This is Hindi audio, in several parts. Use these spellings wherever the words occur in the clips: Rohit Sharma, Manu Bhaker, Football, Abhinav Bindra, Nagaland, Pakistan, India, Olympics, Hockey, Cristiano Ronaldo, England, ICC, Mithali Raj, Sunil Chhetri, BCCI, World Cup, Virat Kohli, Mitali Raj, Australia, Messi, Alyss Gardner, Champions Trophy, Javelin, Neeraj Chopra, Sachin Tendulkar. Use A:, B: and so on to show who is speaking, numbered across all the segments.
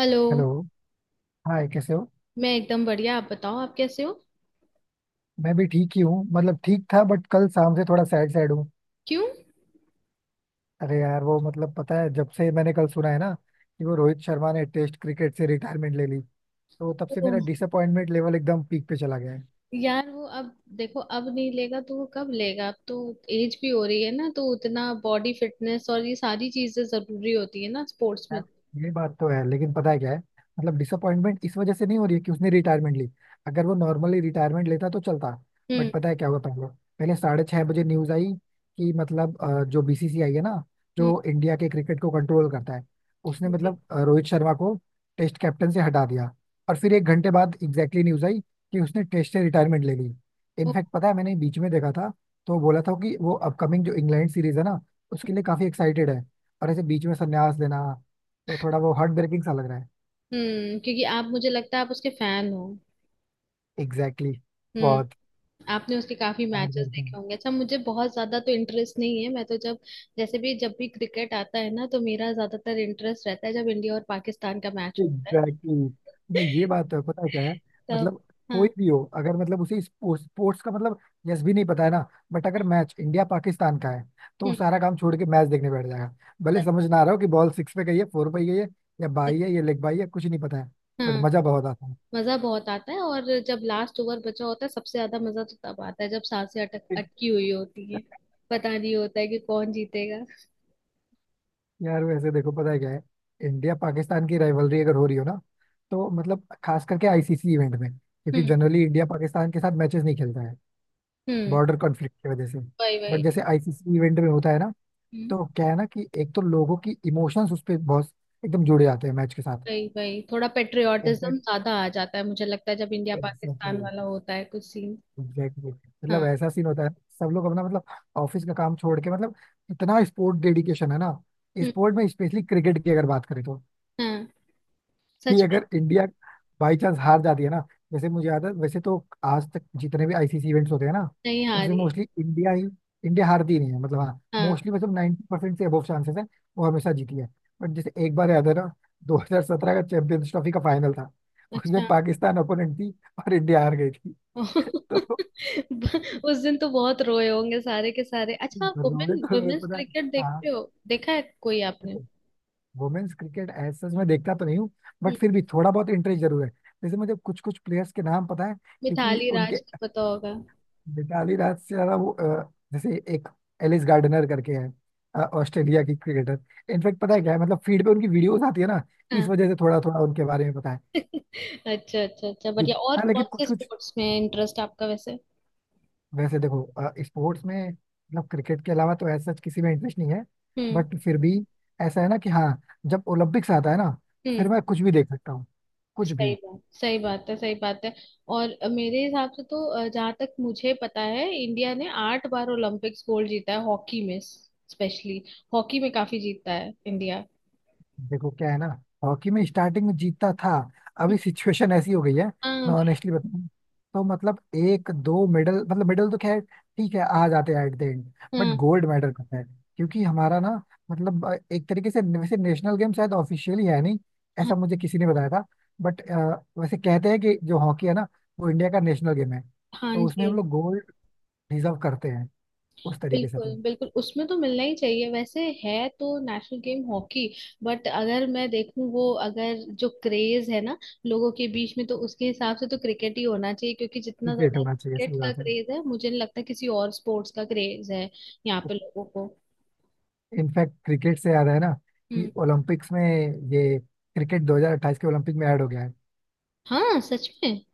A: हेलो।
B: हेलो। हाय, कैसे हो?
A: मैं एकदम बढ़िया, आप बताओ, आप कैसे हो?
B: मैं भी ठीक ही हूँ। मतलब ठीक था, बट कल शाम से थोड़ा सैड सैड हूँ।
A: क्यों?
B: अरे यार, वो मतलब पता है, जब से मैंने कल सुना है ना कि वो रोहित शर्मा ने टेस्ट क्रिकेट से रिटायरमेंट ले ली, तो तब से मेरा
A: ओह,
B: डिसअपॉइंटमेंट लेवल एकदम पीक पे चला गया है।
A: यार वो अब देखो, अब नहीं लेगा तो वो कब लेगा? अब तो एज भी हो रही है ना, तो उतना बॉडी फिटनेस और ये सारी चीजें जरूरी होती है ना स्पोर्ट्स में।
B: यार, ये बात तो है, लेकिन पता है क्या है? मतलब डिसअपॉइंटमेंट इस वजह से नहीं हो रही है कि उसने रिटायरमेंट ली। अगर वो नॉर्मली रिटायरमेंट लेता तो चलता।
A: हम्म।
B: बट पता है क्या हुआ पहले पहले 6:30 बजे न्यूज आई कि मतलब जो बीसीसीआई है ना,
A: हम्म।
B: जो इंडिया के क्रिकेट को कंट्रोल करता है, उसने
A: हाँ जी।
B: मतलब रोहित शर्मा को टेस्ट कैप्टन से हटा दिया। और फिर 1 घंटे बाद एग्जैक्टली न्यूज आई कि उसने टेस्ट से रिटायरमेंट ले ली।
A: ओ,
B: इनफैक्ट पता है, मैंने बीच में देखा था तो बोला था कि वो अपकमिंग जो इंग्लैंड सीरीज है ना, उसके लिए काफी एक्साइटेड है। और ऐसे बीच में संन्यास लेना तो थोड़ा वो हार्ट ब्रेकिंग सा लग रहा है।
A: हम्म, क्योंकि आप, मुझे लगता है आप उसके फैन हो।
B: एग्जैक्टली exactly,
A: हम्म।
B: बहुत
A: आपने उसके काफी
B: हार्ट
A: मैचेस
B: ब्रेकिंग।
A: देखे होंगे, अच्छा मुझे बहुत ज्यादा तो इंटरेस्ट नहीं है, मैं तो जब, जैसे भी, जब भी क्रिकेट आता है ना तो मेरा ज्यादातर इंटरेस्ट रहता है जब इंडिया और पाकिस्तान का मैच होता
B: एग्जैक्टली!
A: है
B: मैं ये बात है, पता है क्या है?
A: तब
B: मतलब
A: हाँ।
B: कोई भी हो, अगर मतलब उसे स्पोर्ट्स स्पोर्ट्स का मतलब यस भी नहीं पता है ना, बट अगर मैच इंडिया पाकिस्तान का है तो वो
A: हम्म।
B: सारा काम छोड़ के मैच देखने बैठ जाएगा। भले
A: त-
B: समझ ना आ रहा हो कि बॉल सिक्स पे गई है, फोर पे गई है, या
A: त-
B: बाई है या लेग बाई है, कुछ नहीं पता है। बट
A: हाँ,
B: मजा बहुत आता
A: मजा बहुत आता है, और जब लास्ट ओवर बचा होता है सबसे ज्यादा मजा तो तब आता है जब सांसें अटक
B: है।
A: अटकी हुई होती है, पता नहीं होता है कि कौन जीतेगा।
B: यार, वैसे देखो पता है क्या है? इंडिया पाकिस्तान की राइवलरी अगर हो रही हो ना, तो मतलब खास करके आईसीसी इवेंट में, क्योंकि
A: हम्म।
B: जनरली इंडिया पाकिस्तान के साथ मैचेस नहीं खेलता है,
A: हम्म।
B: बॉर्डर कॉन्फ्लिक्ट की वजह से।
A: वही
B: बट
A: वही।
B: जैसे आईसीसी इवेंट में होता है ना,
A: हम्म।
B: तो क्या है ना कि एक तो लोगों की इमोशंस उस पर बहुत एकदम जुड़े जाते हैं मैच के साथ।
A: वही वही, थोड़ा पेट्रियाटिज्म
B: इनफैक्ट
A: ज्यादा आ जाता है मुझे लगता है जब इंडिया पाकिस्तान
B: एग्जैक्टली,
A: वाला होता है कुछ सीन।
B: एग्जैक्टली मतलब
A: हाँ।
B: ऐसा सीन होता है। सब लोग अपना मतलब ऑफिस का काम छोड़ के, मतलब इतना स्पोर्ट डेडिकेशन है ना
A: हम्म।
B: स्पोर्ट में, स्पेशली क्रिकेट की अगर बात करें तो।
A: हाँ,
B: कि
A: सच में।
B: अगर इंडिया बाई चांस हार जाती है ना, जैसे मुझे याद है। वैसे तो आज तक जितने भी आईसीसी इवेंट्स होते हैं ना,
A: नहीं
B: उसमें
A: हारी।
B: मोस्टली इंडिया ही, इंडिया हारती ही नहीं है। मतलब हाँ,
A: हाँ।
B: मोस्टली, मतलब 90% परसेंट से अबव चांसेस है। वो हमेशा जीती है। बट जैसे एक बार याद है ना, 2017 का चैंपियंस ट्रॉफी का फाइनल था,
A: अच्छा
B: उसमें पाकिस्तान ओपोनेंट थी और इंडिया हार गई थी। तो
A: उस दिन तो बहुत रोए होंगे सारे के सारे। अच्छा,
B: रोने तो रोए,
A: वुमेन्स
B: पता है।
A: क्रिकेट
B: हाँ,
A: देखते हो? देखा है कोई आपने?
B: वुमेन्स क्रिकेट एज सच मैं देखता तो नहीं हूँ,
A: हम्म,
B: बट फिर भी थोड़ा बहुत इंटरेस्ट जरूर है। जैसे मुझे कुछ कुछ प्लेयर्स के नाम पता है क्योंकि
A: मिताली
B: उनके,
A: राज को पता होगा।
B: मिताली राज से ज्यादा वो जैसे एक एलिस गार्डनर करके है, ऑस्ट्रेलिया की क्रिकेटर। इनफैक्ट पता है क्या है, मतलब फीड पे उनकी वीडियोस आती है ना, इस
A: हाँ।
B: वजह से थोड़ा थोड़ा उनके बारे में पता है।
A: अच्छा अच्छा अच्छा, बढ़िया। और
B: हाँ,
A: कौन
B: लेकिन
A: से
B: कुछ कुछ,
A: स्पोर्ट्स में इंटरेस्ट आपका वैसे?
B: वैसे देखो, स्पोर्ट्स में मतलब क्रिकेट के अलावा तो ऐसा किसी में इंटरेस्ट नहीं है,
A: हम्म।
B: बट फिर भी ऐसा है ना कि हाँ, जब ओलंपिक्स आता है ना, फिर
A: हम्म।
B: मैं कुछ भी देख सकता हूँ। कुछ
A: सही
B: भी।
A: बात, सही बात है, सही बात है। और मेरे हिसाब से तो, जहाँ तक मुझे पता है, इंडिया ने आठ बार ओलंपिक्स गोल्ड जीता है हॉकी में। स्पेशली हॉकी में काफी जीतता है इंडिया।
B: देखो क्या है ना, हॉकी में स्टार्टिंग में जीतता था। अभी सिचुएशन ऐसी हो गई है,
A: हाँ।
B: मैं ऑनेस्टली बताऊं तो, मतलब एक दो मेडल, मतलब मेडल तो खैर ठीक है, आ जाते हैं एट द एंड। बट
A: हाँ।
B: गोल्ड मेडल पता है, क्योंकि हमारा ना, मतलब एक तरीके से वैसे नेशनल गेम शायद ऑफिशियली है नहीं,
A: हाँ।
B: ऐसा मुझे किसी ने बताया था। बट वैसे कहते हैं कि जो हॉकी है ना, वो इंडिया का नेशनल गेम है,
A: हाँ
B: तो उसमें
A: जी।
B: हम लोग गोल्ड डिजर्व करते हैं उस तरीके से तो।
A: बिल्कुल बिल्कुल, उसमें तो मिलना ही चाहिए, वैसे है तो नेशनल गेम हॉकी। बट अगर मैं देखूं, वो अगर जो क्रेज है ना लोगों के बीच में, तो उसके हिसाब से तो क्रिकेट ही होना चाहिए, क्योंकि जितना
B: क्रिकेट
A: ज्यादा
B: होना चाहिए,
A: क्रिकेट
B: सही
A: का
B: बात है।
A: क्रेज है, मुझे नहीं लगता किसी और स्पोर्ट्स का क्रेज है यहाँ पे लोगों को।
B: इनफैक्ट क्रिकेट से याद है ना कि
A: हम्म।
B: ओलंपिक्स में ये क्रिकेट 2028 के ओलंपिक में ऐड हो गया है।
A: हाँ, सच में,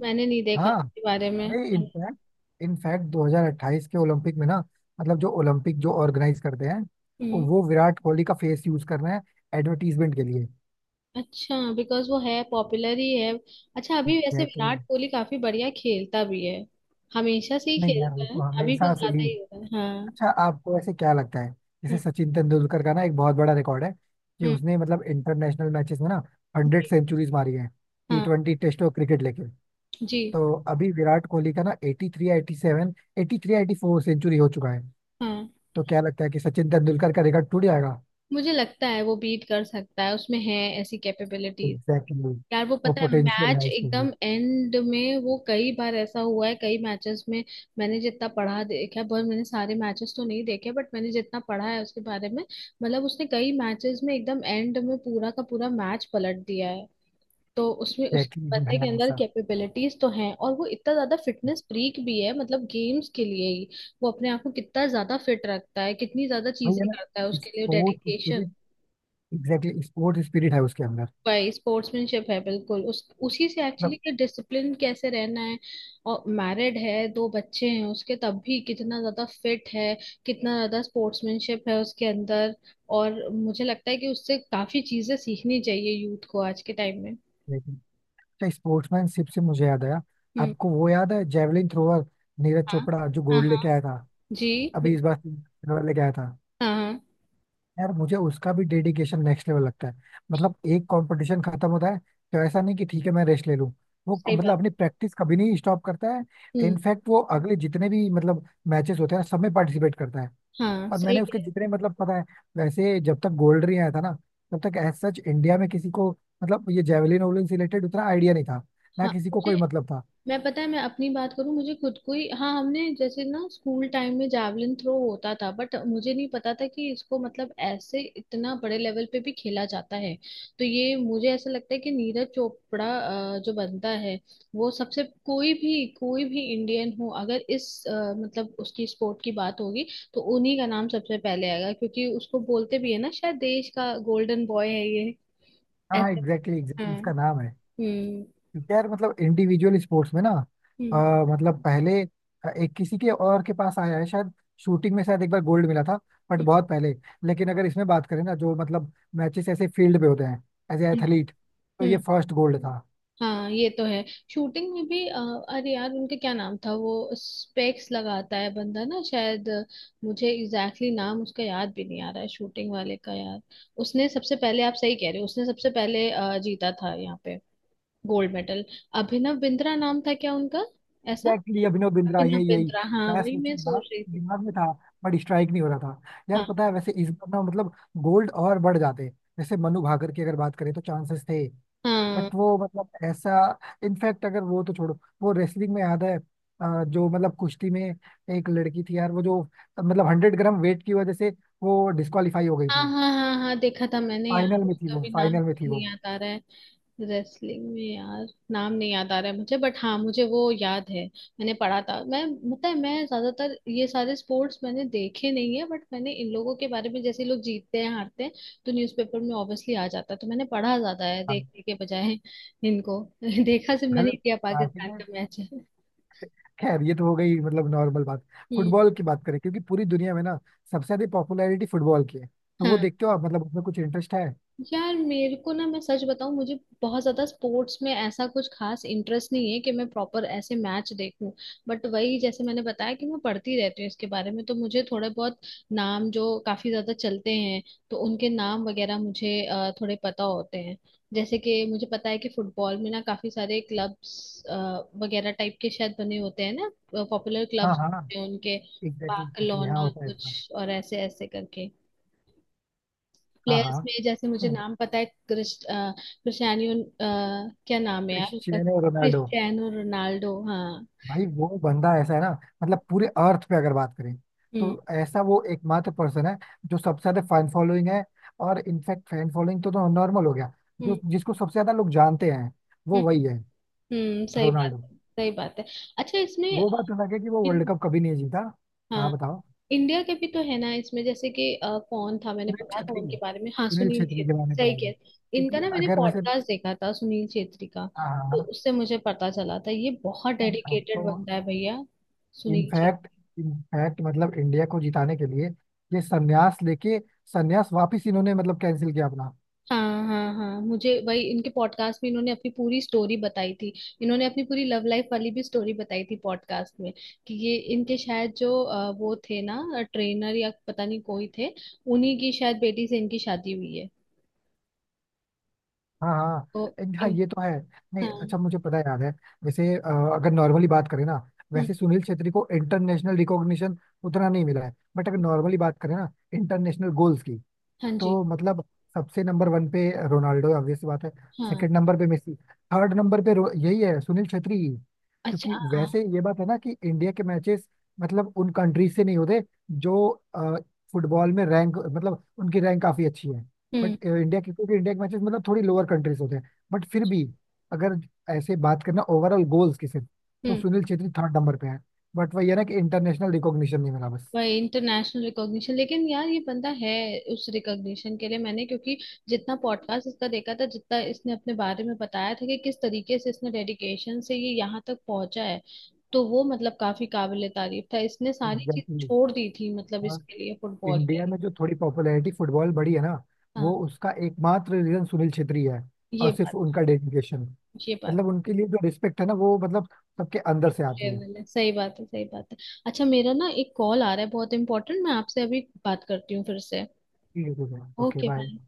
A: मैंने नहीं देखा
B: हाँ,
A: इसके बारे में।
B: अरे इनफैक्ट इनफैक्ट 2028 के ओलंपिक में ना, मतलब जो ओलंपिक जो ऑर्गेनाइज करते हैं,
A: हम्म।
B: वो विराट कोहली का फेस यूज कर रहे हैं एडवर्टीजमेंट के लिए।
A: अच्छा, बिकॉज वो है, पॉपुलर ही है। अच्छा, अभी वैसे
B: एग्जैक्टली।
A: विराट कोहली काफी बढ़िया खेलता भी है, हमेशा से ही
B: नहीं यार, वो
A: खेलता है,
B: तो
A: अभी कुछ
B: हमेशा से
A: ज्यादा
B: ही।
A: ही होता है। हाँ।
B: अच्छा, आपको ऐसे क्या लगता है, जैसे
A: हम्म।
B: सचिन तेंदुलकर का ना एक बहुत बड़ा रिकॉर्ड है कि
A: हम्म।
B: उसने मतलब इंटरनेशनल मैचेस में ना हंड्रेड
A: जी।
B: सेंचुरीज मारी है, टी
A: हाँ।
B: ट्वेंटी टेस्ट और क्रिकेट लेके।
A: जी।
B: तो अभी विराट कोहली का ना 83 87, 83 84 सेंचुरी हो चुका है।
A: हाँ,
B: तो क्या लगता है कि सचिन तेंदुलकर का रिकॉर्ड टूट जाएगा?
A: मुझे लगता है वो बीट कर सकता है, उसमें है ऐसी कैपेबिलिटीज।
B: Exactly exactly.
A: यार वो
B: वो
A: पता है
B: पोटेंशियल है
A: मैच
B: इसके लिए।
A: एकदम एंड में वो कई बार ऐसा हुआ है कई मैचेस में, मैंने जितना पढ़ा देखा है, पर मैंने सारे मैचेस तो नहीं देखे बट मैंने जितना पढ़ा है उसके बारे में, मतलब उसने कई मैचेस में एकदम एंड में पूरा का पूरा मैच पलट दिया है, तो उसमें उस
B: एग्जैक्टली,
A: बंदे
B: वो
A: के
B: है
A: अंदर
B: ऐसा।
A: कैपेबिलिटीज तो हैं, और वो इतना ज्यादा फिटनेस फ्रीक भी है, मतलब गेम्स के लिए ही वो अपने आप को कितना ज्यादा फिट रखता है, कितनी ज्यादा
B: वही है
A: चीजें
B: ना,
A: करता है उसके लिए,
B: sports
A: dedication.
B: Spirit. Exactly, sports spirit है उसके अंदर।
A: भाई स्पोर्ट्समैनशिप है बिल्कुल, उस उसी से एक्चुअली,
B: मतलब
A: कि डिसिप्लिन कैसे रहना है। और मैरिड है, दो बच्चे हैं उसके, तब भी कितना ज्यादा फिट है, कितना ज्यादा स्पोर्ट्समैनशिप है उसके अंदर। और मुझे लगता है कि उससे काफी चीजें सीखनी चाहिए यूथ को आज के टाइम में।
B: लेकिन- अच्छा, स्पोर्ट्समैनशिप से मुझे याद आया,
A: हम्म।
B: आपको वो याद है जेवलिन थ्रोअर नीरज
A: हाँ।
B: चोपड़ा जो
A: हाँ
B: गोल्ड
A: हाँ,
B: लेके आया था?
A: जी।
B: अभी इस बार सिल्वर लेके आया था।
A: हाँ हाँ,
B: यार मुझे उसका भी डेडिकेशन नेक्स्ट लेवल लगता है। मतलब एक कंपटीशन खत्म होता है तो ऐसा नहीं कि ठीक है, मैं रेस्ट ले लूं।
A: सही
B: मतलब
A: बात।
B: अपनी प्रैक्टिस कभी नहीं स्टॉप करता है।
A: हम्म।
B: इनफैक्ट वो अगले जितने भी मतलब मैचेस होते हैं, सब में पार्टिसिपेट करता है।
A: हाँ
B: और
A: सही
B: मैंने उसके
A: कह रहे
B: जितने मतलब पता है, वैसे जब तक गोल्ड नहीं आया था ना, तब तक एज सच इंडिया में किसी को मतलब ये जेवलिन वोवलिन से रिलेटेड उतना आइडिया नहीं था,
A: हो।
B: ना
A: हाँ
B: किसी को कोई
A: मुझे,
B: मतलब था।
A: मैं पता है, मैं अपनी बात करूँ, मुझे खुद को ही, हाँ, हमने जैसे ना स्कूल टाइम में जावलिन थ्रो होता था, बट मुझे नहीं पता था कि इसको मतलब ऐसे इतना बड़े लेवल पे भी खेला जाता है। तो ये मुझे ऐसा लगता है कि नीरज चोपड़ा जो बनता है, वो सबसे, कोई भी इंडियन हो, अगर इस मतलब उसकी स्पोर्ट की बात होगी, तो उन्हीं का नाम सबसे पहले आएगा क्योंकि उसको बोलते भी है ना, शायद देश का गोल्डन बॉय है ये,
B: हाँ
A: ऐसे।
B: एग्जैक्टली,
A: हाँ।
B: एग्जैक्टली उसका नाम है।
A: हम्म।
B: यार मतलब इंडिविजुअल स्पोर्ट्स में ना, अ,
A: हम्म।
B: मतलब पहले एक किसी के और के पास आया है शायद, शूटिंग में शायद एक बार गोल्ड मिला था, बट
A: हम्म।
B: बहुत पहले। लेकिन अगर इसमें बात करें ना जो मतलब मैचेस ऐसे फील्ड पे होते हैं एज ए एथलीट, तो ये
A: हम्म।
B: फर्स्ट गोल्ड था।
A: हाँ, ये तो है। शूटिंग में भी अरे यार, उनका क्या नाम था वो, स्पेक्स लगाता है बंदा ना शायद, मुझे एग्जैक्टली exactly नाम उसका याद भी नहीं आ रहा है, शूटिंग वाले का यार। उसने सबसे पहले, आप सही कह रहे हो, उसने सबसे पहले जीता था यहाँ पे गोल्ड मेडल। अभिनव बिंद्रा नाम था क्या उनका? ऐसा,
B: एग्जैक्टली अभिनव बिंद्रा,
A: अभिनव
B: यही यही।
A: बिंद्रा, हाँ
B: मैं
A: वही
B: सोचू
A: मैं
B: ना,
A: सोच रही थी।
B: दिमाग में था बट स्ट्राइक नहीं हो रहा था। यार
A: हाँ
B: पता है, वैसे इस बार ना मतलब गोल्ड और बढ़ जाते, जैसे मनु भाकर की अगर बात करें तो चांसेस थे,
A: हाँ
B: बट वो मतलब ऐसा। इनफैक्ट अगर वो तो छोड़ो, वो रेसलिंग में याद है जो मतलब कुश्ती में एक लड़की थी यार वो जो मतलब 100 ग्राम वेट की वजह से वो डिस्qualify हो गई
A: हाँ
B: थी।
A: हाँ, हाँ हाँ देखा था मैंने, यार
B: फाइनल में थी
A: उसका
B: वो,
A: भी नाम
B: फाइनल में थी
A: मुझे नहीं
B: वो।
A: याद आ रहा है, रेसलिंग में यार, नाम नहीं याद आ रहा है मुझे, बट हाँ मुझे वो याद है, मैंने पढ़ा था, मैं मतलब मैं ज्यादातर ये सारे स्पोर्ट्स मैंने देखे नहीं है, बट मैंने इन लोगों के बारे में जैसे लोग जीतते हैं हारते हैं, तो न्यूज़पेपर में ऑब्वियसली आ जाता है, तो मैंने पढ़ा ज्यादा है
B: हाँ
A: देखने के बजाय इनको देखा सिर्फ मैंने
B: मतलब
A: इंडिया
B: starting
A: पाकिस्तान
B: में,
A: का मैच है।
B: खैर ये तो हो गई मतलब नॉर्मल बात।
A: हम्म।
B: फुटबॉल की बात करें, क्योंकि पूरी दुनिया में ना सबसे ज्यादा पॉपुलैरिटी फुटबॉल की है, तो वो
A: हाँ।
B: देखते हो आप? मतलब उसमें कुछ इंटरेस्ट है?
A: यार मेरे को ना, मैं सच बताऊं, मुझे बहुत ज्यादा स्पोर्ट्स में ऐसा कुछ खास इंटरेस्ट नहीं है कि मैं प्रॉपर ऐसे मैच देखूं, बट वही जैसे मैंने बताया कि मैं पढ़ती रहती हूँ इसके बारे में, तो मुझे थोड़े बहुत नाम जो काफी ज्यादा चलते हैं, तो उनके नाम वगैरह मुझे थोड़े पता होते हैं, जैसे कि मुझे पता है कि फुटबॉल में ना काफी सारे क्लब्स वगैरह टाइप के शायद बने होते हैं ना, पॉपुलर
B: हाँ
A: क्लब्स
B: हाँ।
A: उनके,
B: एग्जैक्टली हाँ,
A: बार्सिलोना
B: होता है ऐसा।
A: कुछ और ऐसे ऐसे करके,
B: हाँ
A: प्लेयर्स
B: हाँ,
A: में जैसे मुझे नाम पता है, क्रिस्टियानो क्या नाम है यार उसका,
B: क्रिस्टियानो रोनाल्डो।
A: क्रिस्टियानो रोनाल्डो, हाँ।
B: भाई वो बंदा ऐसा है ना, मतलब पूरे अर्थ पे अगर बात करें
A: हम्म।
B: तो ऐसा वो एकमात्र पर्सन है जो सबसे ज्यादा फैन फॉलोइंग है। और इनफैक्ट फैन फॉलोइंग तो नॉर्मल हो गया,
A: हम्म।
B: जो जिसको सबसे ज्यादा लोग जानते हैं वो
A: हम्म।
B: वही है,
A: सही बात
B: रोनाल्डो।
A: है, सही बात है। अच्छा इसमें,
B: वो बात अलग है कि वो वर्ल्ड
A: इन,
B: कप कभी नहीं जीता। हाँ
A: हाँ,
B: बताओ।
A: इंडिया के भी तो है ना इसमें, जैसे कि कौन था, मैंने
B: सुनील
A: पढ़ा था
B: छेत्री,
A: उनके बारे में, हाँ
B: सुनील
A: सुनील
B: छेत्री के बारे
A: छेत्री,
B: में
A: सही
B: पढ़ा जी?
A: कह, इनका
B: क्योंकि
A: ना मैंने
B: अगर वैसे,
A: पॉडकास्ट देखा था सुनील छेत्री का,
B: हाँ
A: तो
B: हाँ,
A: उससे मुझे पता चला था ये बहुत
B: हाँ, हाँ, तो
A: डेडिकेटेड बंदा है भैया, सुनील।
B: इनफैक्ट, इनफैक्ट मतलब इंडिया को जिताने के लिए ये संन्यास लेके, संन्यास वापिस इन्होंने मतलब कैंसिल किया अपना।
A: हाँ हाँ हाँ, मुझे वही, इनके पॉडकास्ट में इन्होंने अपनी पूरी स्टोरी बताई थी, इन्होंने अपनी पूरी लव लाइफ वाली भी स्टोरी बताई थी पॉडकास्ट में, कि ये इनके शायद जो वो थे ना, ट्रेनर या पता नहीं कोई थे, उन्हीं की शायद बेटी से इनकी शादी हुई है,
B: हाँ हाँ।
A: तो
B: हाँ ये तो है। नहीं
A: हाँ।
B: अच्छा, मुझे पता याद है वैसे, अगर नॉर्मली बात करें ना,
A: हम्म।
B: वैसे सुनील छेत्री को इंटरनेशनल रिकॉग्निशन उतना नहीं मिला है, बट अगर नॉर्मली बात करें ना इंटरनेशनल गोल्स की,
A: हाँ जी।
B: तो मतलब सबसे नंबर वन पे रोनाल्डो, ऑब्वियस बात है।
A: हाँ।
B: सेकंड नंबर पे मेसी, थर्ड नंबर पे यही है, सुनील छेत्री।
A: अच्छा।
B: क्योंकि
A: हाँ हाँ।
B: वैसे ये बात है ना कि इंडिया के मैचेस मतलब उन कंट्री से नहीं होते जो फुटबॉल में रैंक, मतलब उनकी रैंक काफी अच्छी है।
A: हम्म।
B: बट इंडिया के, क्योंकि इंडिया के मैचेस मतलब थोड़ी लोअर कंट्रीज होते हैं, बट फिर भी अगर ऐसे बात करना ओवरऑल गोल्स की सिर्फ, तो
A: हम्म।
B: सुनील छेत्री थर्ड नंबर पे है। बट वही है ना कि इंटरनेशनल रिकॉग्निशन नहीं मिला बस।
A: वही इंटरनेशनल रिकॉग्निशन, लेकिन यार ये बंदा है उस रिकॉग्निशन के लिए, मैंने क्योंकि जितना पॉडकास्ट इसका देखा था, जितना इसने अपने बारे में बताया था, कि किस तरीके से इसने डेडिकेशन से ये यहाँ तक पहुंचा है, तो वो मतलब काफी काबिले तारीफ था, इसने सारी चीज
B: एग्जैक्टली।
A: छोड़ दी थी मतलब इसके लिए, फुटबॉल के
B: इंडिया
A: लिए।
B: में जो थोड़ी पॉपुलैरिटी फुटबॉल बढ़ी है ना, वो
A: हाँ,
B: उसका एकमात्र रीजन सुनील छेत्री है।
A: ये
B: और सिर्फ
A: बात।
B: उनका डेडिकेशन,
A: ये बात
B: मतलब उनके लिए जो रिस्पेक्ट है ना, वो मतलब सबके अंदर से
A: है,
B: आती है।
A: मैंने, सही बात है, सही बात है। अच्छा, मेरा ना एक कॉल आ रहा है बहुत इंपॉर्टेंट, मैं आपसे अभी बात करती हूँ फिर से।
B: ठीक है ठीक है, ओके
A: ओके
B: बाय।
A: बाय।